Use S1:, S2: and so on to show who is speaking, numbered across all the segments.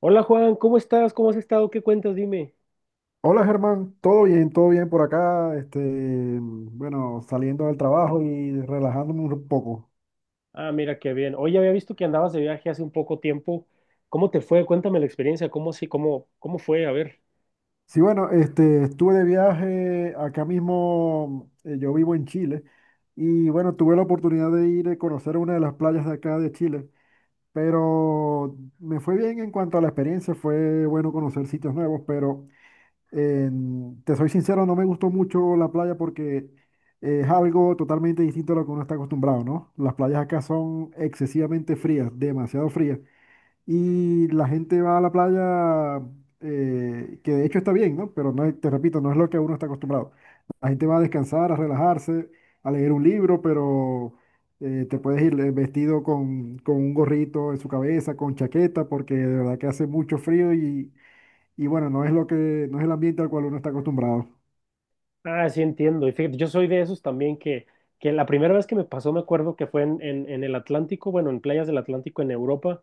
S1: Hola Juan, ¿cómo estás? ¿Cómo has estado? ¿Qué cuentas? Dime.
S2: Hola Germán, todo bien por acá, bueno, saliendo del trabajo y relajándome un poco.
S1: Ah, mira, qué bien. Oye, había visto que andabas de viaje hace un poco tiempo. ¿Cómo te fue? Cuéntame la experiencia. ¿Cómo sí? ¿¿Cómo fue? A ver.
S2: Sí, bueno, estuve de viaje acá mismo, yo vivo en Chile y bueno, tuve la oportunidad de ir a conocer una de las playas de acá de Chile, pero me fue bien en cuanto a la experiencia, fue bueno conocer sitios nuevos, pero te soy sincero, no me gustó mucho la playa porque es algo totalmente distinto a lo que uno está acostumbrado, ¿no? Las playas acá son excesivamente frías, demasiado frías. Y la gente va a la playa, que de hecho está bien, ¿no? Pero no, te repito, no es lo que uno está acostumbrado. La gente va a descansar, a relajarse, a leer un libro, pero te puedes ir vestido con un gorrito en su cabeza, con chaqueta, porque de verdad que hace mucho frío y bueno, no es el ambiente al cual uno está acostumbrado.
S1: Ah, sí, entiendo. Y fíjate, yo soy de esos también que la primera vez que me pasó, me acuerdo que fue en el Atlántico, bueno, en playas del Atlántico en Europa,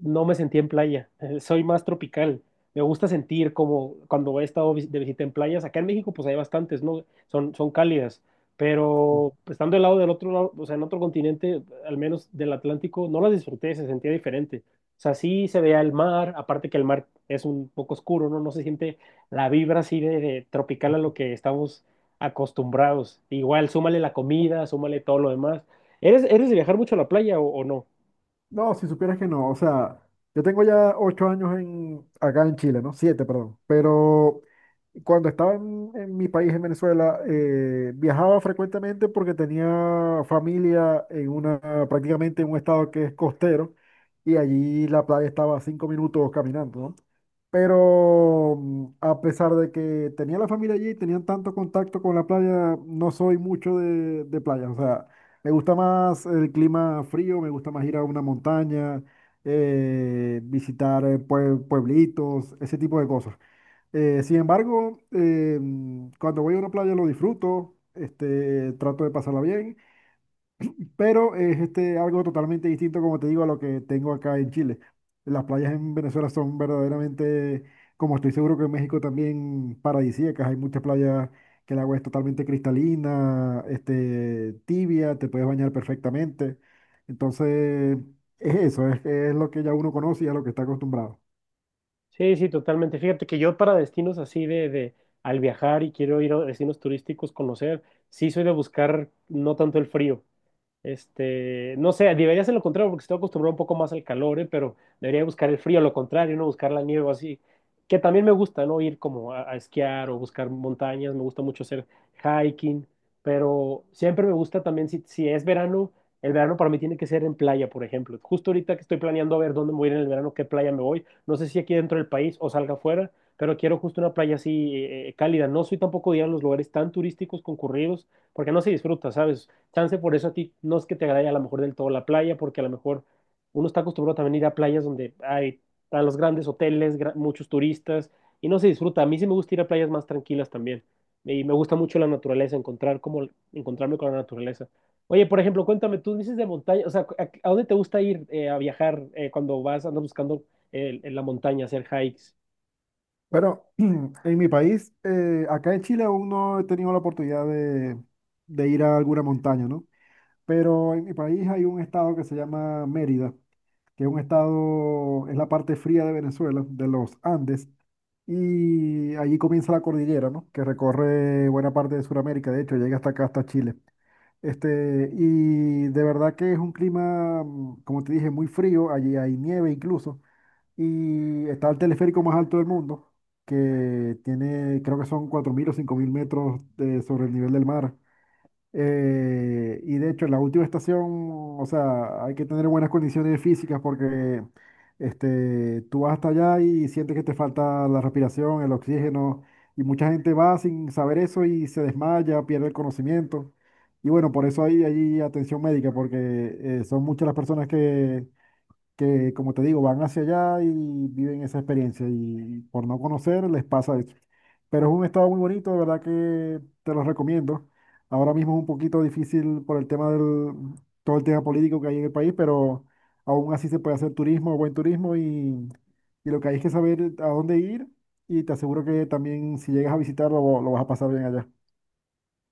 S1: no me sentí en playa, soy más tropical. Me gusta sentir como cuando he estado de visita en playas, acá en México pues hay bastantes, ¿no? Son cálidas, pero pues, estando del lado del otro lado, o sea, en otro continente, al menos del Atlántico, no las disfruté, se sentía diferente. O sea, sí se veía el mar, aparte que el mar es un poco oscuro, ¿no? No se siente la vibra así de tropical a lo que estamos acostumbrados. Igual, súmale la comida, súmale todo lo demás. ¿Eres de viajar mucho a la playa o no?
S2: No, si supieras que no, o sea, yo tengo ya 8 años acá en Chile, ¿no? Siete, perdón. Pero cuando estaba en mi país, en Venezuela, viajaba frecuentemente porque tenía familia prácticamente en un estado que es costero y allí la playa estaba a 5 minutos caminando, ¿no? Pero a pesar de que tenía la familia allí, tenían tanto contacto con la playa, no soy mucho de playa. O sea, me gusta más el clima frío, me gusta más ir a una montaña, visitar pueblitos, ese tipo de cosas. Sin embargo, cuando voy a una playa lo disfruto, trato de pasarla bien, pero es algo totalmente distinto, como te digo, a lo que tengo acá en Chile. Las playas en Venezuela son verdaderamente, como estoy seguro que en México también, paradisíacas. Hay muchas playas que el agua es totalmente cristalina, tibia, te puedes bañar perfectamente. Entonces, es eso, es lo que ya uno conoce y a lo que está acostumbrado.
S1: Sí, sí, totalmente. Fíjate que yo para destinos así de al viajar y quiero ir a destinos turísticos, conocer, sí soy de buscar no tanto el frío. Este, no sé, debería ser lo contrario porque estoy acostumbrado un poco más al calor, ¿eh? Pero debería buscar el frío, lo contrario, no buscar la nieve o así. Que también me gusta, ¿no? Ir como a esquiar o buscar montañas, me gusta mucho hacer hiking, pero siempre me gusta también, si es verano, el verano para mí tiene que ser en playa, por ejemplo. Justo ahorita que estoy planeando a ver dónde me voy a ir en el verano, qué playa me voy, no sé si aquí dentro del país o salga afuera, pero quiero justo una playa así cálida. No soy tampoco de ir a los lugares tan turísticos concurridos, porque no se disfruta, ¿sabes? Chance por eso a ti no es que te agrade a lo mejor del todo la playa, porque a lo mejor uno está acostumbrado también a ir a playas donde hay están los grandes hoteles, muchos turistas, y no se disfruta. A mí sí me gusta ir a playas más tranquilas también. Y me gusta mucho la naturaleza, encontrarme con la naturaleza. Oye, por ejemplo, cuéntame, tú dices de montaña, o sea, a dónde te gusta ir a viajar cuando vas, andas buscando en la montaña, hacer hikes?
S2: Pero en mi país, acá en Chile aún no he tenido la oportunidad de ir a alguna montaña, ¿no? Pero en mi país hay un estado que se llama Mérida, que es un estado, es la parte fría de Venezuela, de los Andes, y allí comienza la cordillera, ¿no? Que recorre buena parte de Sudamérica, de hecho, llega hasta acá, hasta Chile. Y de verdad que es un clima, como te dije, muy frío, allí hay nieve incluso. Y está el teleférico más alto del mundo, que tiene, creo que son 4.000 o 5.000 metros sobre el nivel del mar. Y de hecho, la última estación, o sea, hay que tener buenas condiciones físicas porque tú vas hasta allá y sientes que te falta la respiración, el oxígeno, y mucha gente va sin saber eso y se desmaya, pierde el conocimiento. Y bueno, por eso hay atención médica, porque son muchas las personas que como te digo, van hacia allá y viven esa experiencia y por no conocer les pasa eso. Pero es un estado muy bonito, de verdad que te lo recomiendo. Ahora mismo es un poquito difícil por todo el tema político que hay en el país, pero aún así se puede hacer turismo, buen turismo y lo que hay es que saber a dónde ir y te aseguro que también si llegas a visitarlo lo vas a pasar bien allá.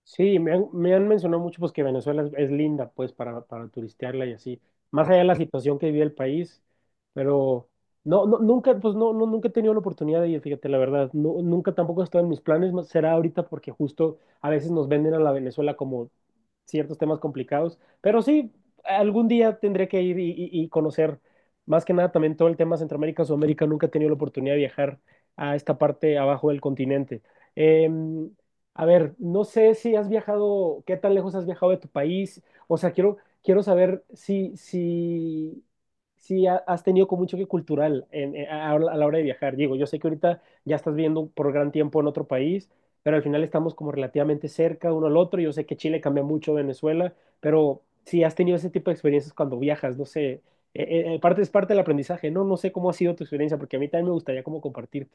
S1: Sí, me han mencionado mucho pues que Venezuela es linda pues para turistearla y así, más allá de la situación que vive el país, pero no, no, nunca, pues no, no, nunca he tenido la oportunidad de ir, fíjate, la verdad, no, nunca tampoco está en mis planes, más será ahorita porque justo a veces nos venden a la Venezuela como ciertos temas complicados, pero sí, algún día tendré que ir y conocer más que nada también todo el tema Centroamérica, Sudamérica, nunca he tenido la oportunidad de viajar a esta parte abajo del continente. Eh, a ver, no sé si has viajado, qué tan lejos has viajado de tu país. O sea, quiero saber si has tenido como un choque cultural a la hora de viajar. Digo, yo sé que ahorita ya estás viviendo por gran tiempo en otro país, pero al final estamos como relativamente cerca uno al otro. Yo sé que Chile cambia mucho, Venezuela, pero si has tenido ese tipo de experiencias cuando viajas, no sé. Parte es parte del aprendizaje, ¿no? No sé cómo ha sido tu experiencia, porque a mí también me gustaría como compartir.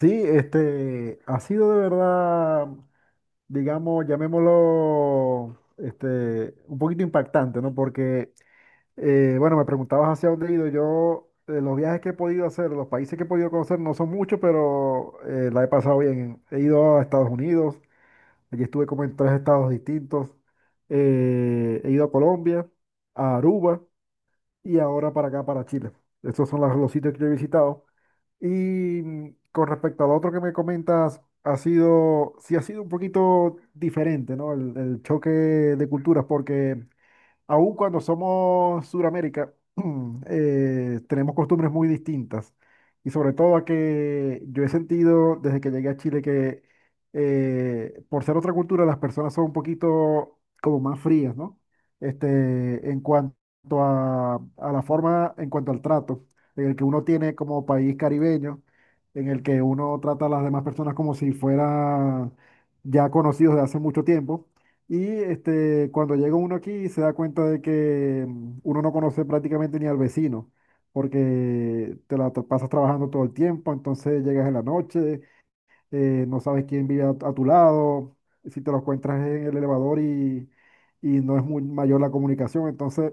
S2: Sí, ha sido de verdad, digamos, llamémoslo, un poquito impactante, ¿no? Porque, bueno, me preguntabas hacia dónde he ido. Yo, los viajes que he podido hacer, los países que he podido conocer, no son muchos, pero la he pasado bien. He ido a Estados Unidos, allí estuve como en 3 estados distintos. He ido a Colombia, a Aruba y ahora para acá, para Chile. Esos son los sitios que yo he visitado. Y con respecto al otro que me comentas, sí ha sido un poquito diferente, ¿no? El choque de culturas, porque aún cuando somos Suramérica, tenemos costumbres muy distintas. Y sobre todo a que yo he sentido desde que llegué a Chile que por ser otra cultura las personas son un poquito como más frías, ¿no? En cuanto a la forma, en cuanto al trato, en el que uno tiene como país caribeño, en el que uno trata a las demás personas como si fuera ya conocidos de hace mucho tiempo. Y cuando llega uno aquí se da cuenta de que uno no conoce prácticamente ni al vecino, porque te la pasas trabajando todo el tiempo, entonces llegas en la noche, no sabes quién vive a tu lado, si te lo encuentras en el elevador y no es muy mayor la comunicación. Entonces,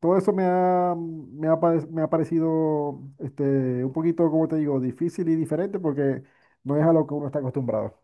S2: todo eso me ha parecido un poquito, como te digo, difícil y diferente porque no es a lo que uno está acostumbrado.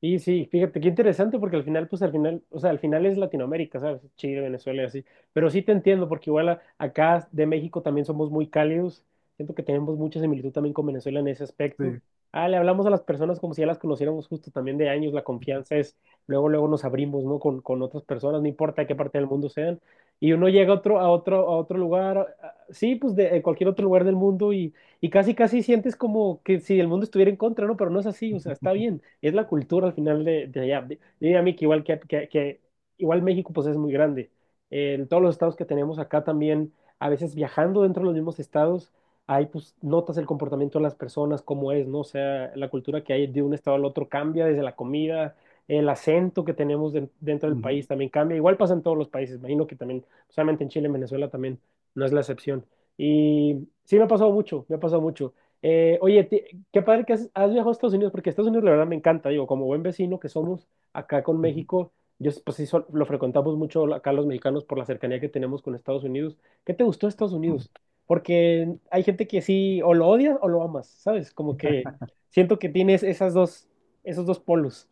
S1: Y sí, fíjate, qué interesante porque al final, pues al final, o sea, al final es Latinoamérica, ¿sabes? Chile, Venezuela y así. Pero sí te entiendo porque igual acá de México también somos muy cálidos. Siento que tenemos mucha similitud también con Venezuela en ese aspecto.
S2: Sí.
S1: Ah, le hablamos a las personas como si ya las conociéramos justo también de años. La confianza es, luego, luego nos abrimos, ¿no? Con otras personas, no importa de qué parte del mundo sean. Y uno llega a otro, a otro, a otro lugar, sí, pues de cualquier otro lugar del mundo y casi, casi sientes como que si el mundo estuviera en contra, ¿no? Pero no es así, o sea, está bien, es la cultura al final de allá. Diría a mí que igual, que igual México pues es muy grande. En todos los estados que tenemos acá también, a veces viajando dentro de los mismos estados, ahí pues notas el comportamiento de las personas, cómo es, ¿no? O sea, la cultura que hay de un estado al otro cambia desde la comida. El acento que tenemos dentro del
S2: Ujú,
S1: país también cambia. Igual pasa en todos los países. Me imagino que también, solamente en Chile, en Venezuela también no es la excepción. Y sí, me ha pasado mucho, me ha pasado mucho. Oye, qué padre que has viajado a Estados Unidos, porque Estados Unidos la verdad me encanta, digo, como buen vecino que somos acá con México, yo s- pues sí sol- lo frecuentamos mucho acá los mexicanos por la cercanía que tenemos con Estados Unidos. ¿Qué te gustó de Estados
S2: ujú.
S1: Unidos? Porque hay gente que sí, o lo odias o lo amas, ¿sabes? Como que siento que tienes esas dos, esos dos polos.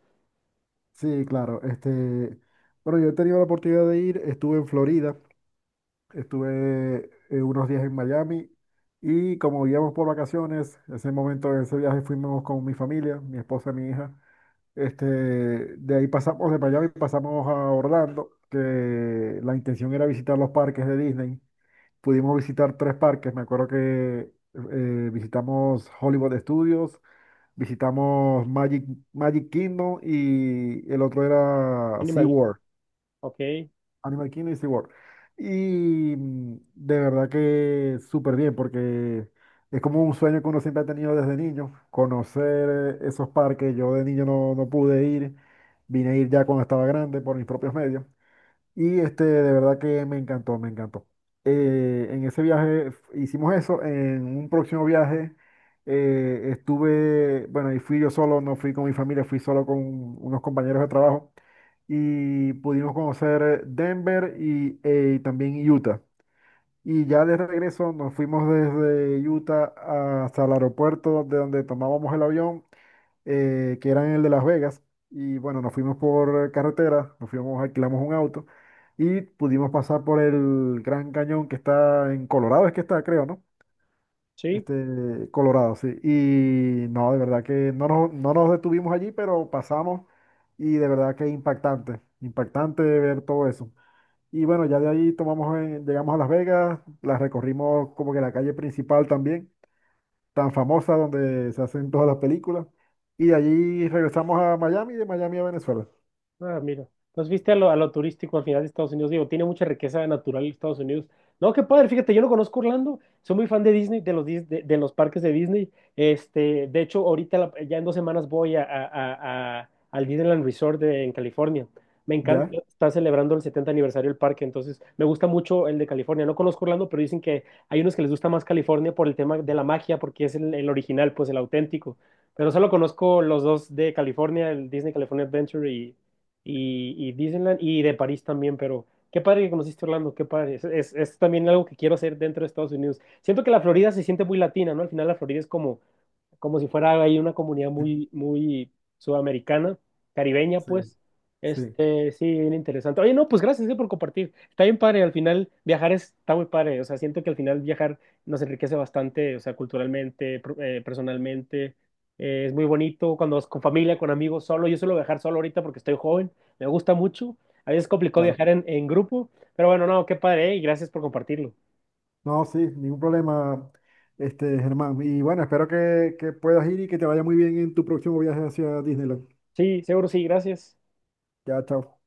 S2: Sí, claro. Bueno, yo he tenido la oportunidad de ir, estuve en Florida, estuve unos días en Miami y como íbamos por vacaciones, ese momento, ese viaje fuimos con mi familia, mi esposa y mi hija. De ahí pasamos de Miami, pasamos a Orlando, que la intención era visitar los parques de Disney. Pudimos visitar 3 parques, me acuerdo que visitamos Hollywood Studios, visitamos Magic Kingdom y el otro era
S1: Animal, ok,
S2: Animal Kingdom y SeaWorld. Y de verdad que súper bien porque es como un sueño que uno siempre ha tenido desde niño, conocer esos parques. Yo de niño no pude ir, vine a ir ya cuando estaba grande por mis propios medios. Y de verdad que me encantó, me encantó. En ese viaje hicimos eso. En un próximo viaje estuve, bueno, y fui yo solo, no fui con mi familia, fui solo con unos compañeros de trabajo. Y pudimos conocer Denver y también Utah. Y ya de regreso nos fuimos desde Utah hasta el aeropuerto de donde tomábamos el avión que eran el de Las Vegas. Y bueno, nos fuimos por carretera, alquilamos un auto y pudimos pasar por el Gran Cañón que está en Colorado, es que está, creo, ¿no?
S1: sí.
S2: Colorado, sí. Y no, de verdad que no nos detuvimos allí, pero pasamos y de verdad que impactante, impactante ver todo eso. Y bueno, ya de ahí llegamos a Las Vegas, las recorrimos como que la calle principal también tan famosa donde se hacen todas las películas. Y de allí regresamos a Miami y de Miami a Venezuela.
S1: Ah, mira. Entonces viste a a lo turístico al final de Estados Unidos. Digo, tiene mucha riqueza natural Estados Unidos. No, qué padre, fíjate, yo no conozco Orlando. Soy muy fan de Disney, de de los parques de Disney. Este, de hecho, ahorita ya en dos semanas voy al Disneyland Resort en California. Me
S2: ¿Ya?
S1: encanta, está celebrando el 70 aniversario del parque, entonces me gusta mucho el de California. No conozco Orlando, pero dicen que hay unos que les gusta más California por el tema de la magia, porque es el original, pues el auténtico. Pero solo conozco los dos de California, el Disney California Adventure y Disneyland y de París también, pero qué padre que conociste Orlando, qué padre. Es también algo que quiero hacer dentro de Estados Unidos. Siento que la Florida se siente muy latina, ¿no? Al final la Florida es como, como si fuera ahí una comunidad muy sudamericana, caribeña,
S2: Sí,
S1: pues.
S2: sí,
S1: Este, sí, bien interesante. Oye, no, pues gracias por compartir. Está bien padre, al final viajar está muy padre. O sea, siento que al final viajar nos enriquece bastante, o sea, culturalmente, personalmente. Es muy bonito cuando vas con familia, con amigos, solo. Yo suelo viajar solo ahorita porque estoy joven, me gusta mucho. A veces es complicado
S2: claro.
S1: viajar en grupo, pero bueno, no, qué padre, y gracias por compartirlo.
S2: No, sí, ningún problema, Germán. Y bueno, espero que puedas ir y que te vaya muy bien en tu próximo viaje hacia Disneyland.
S1: Sí, seguro sí, gracias.
S2: Ya, chao.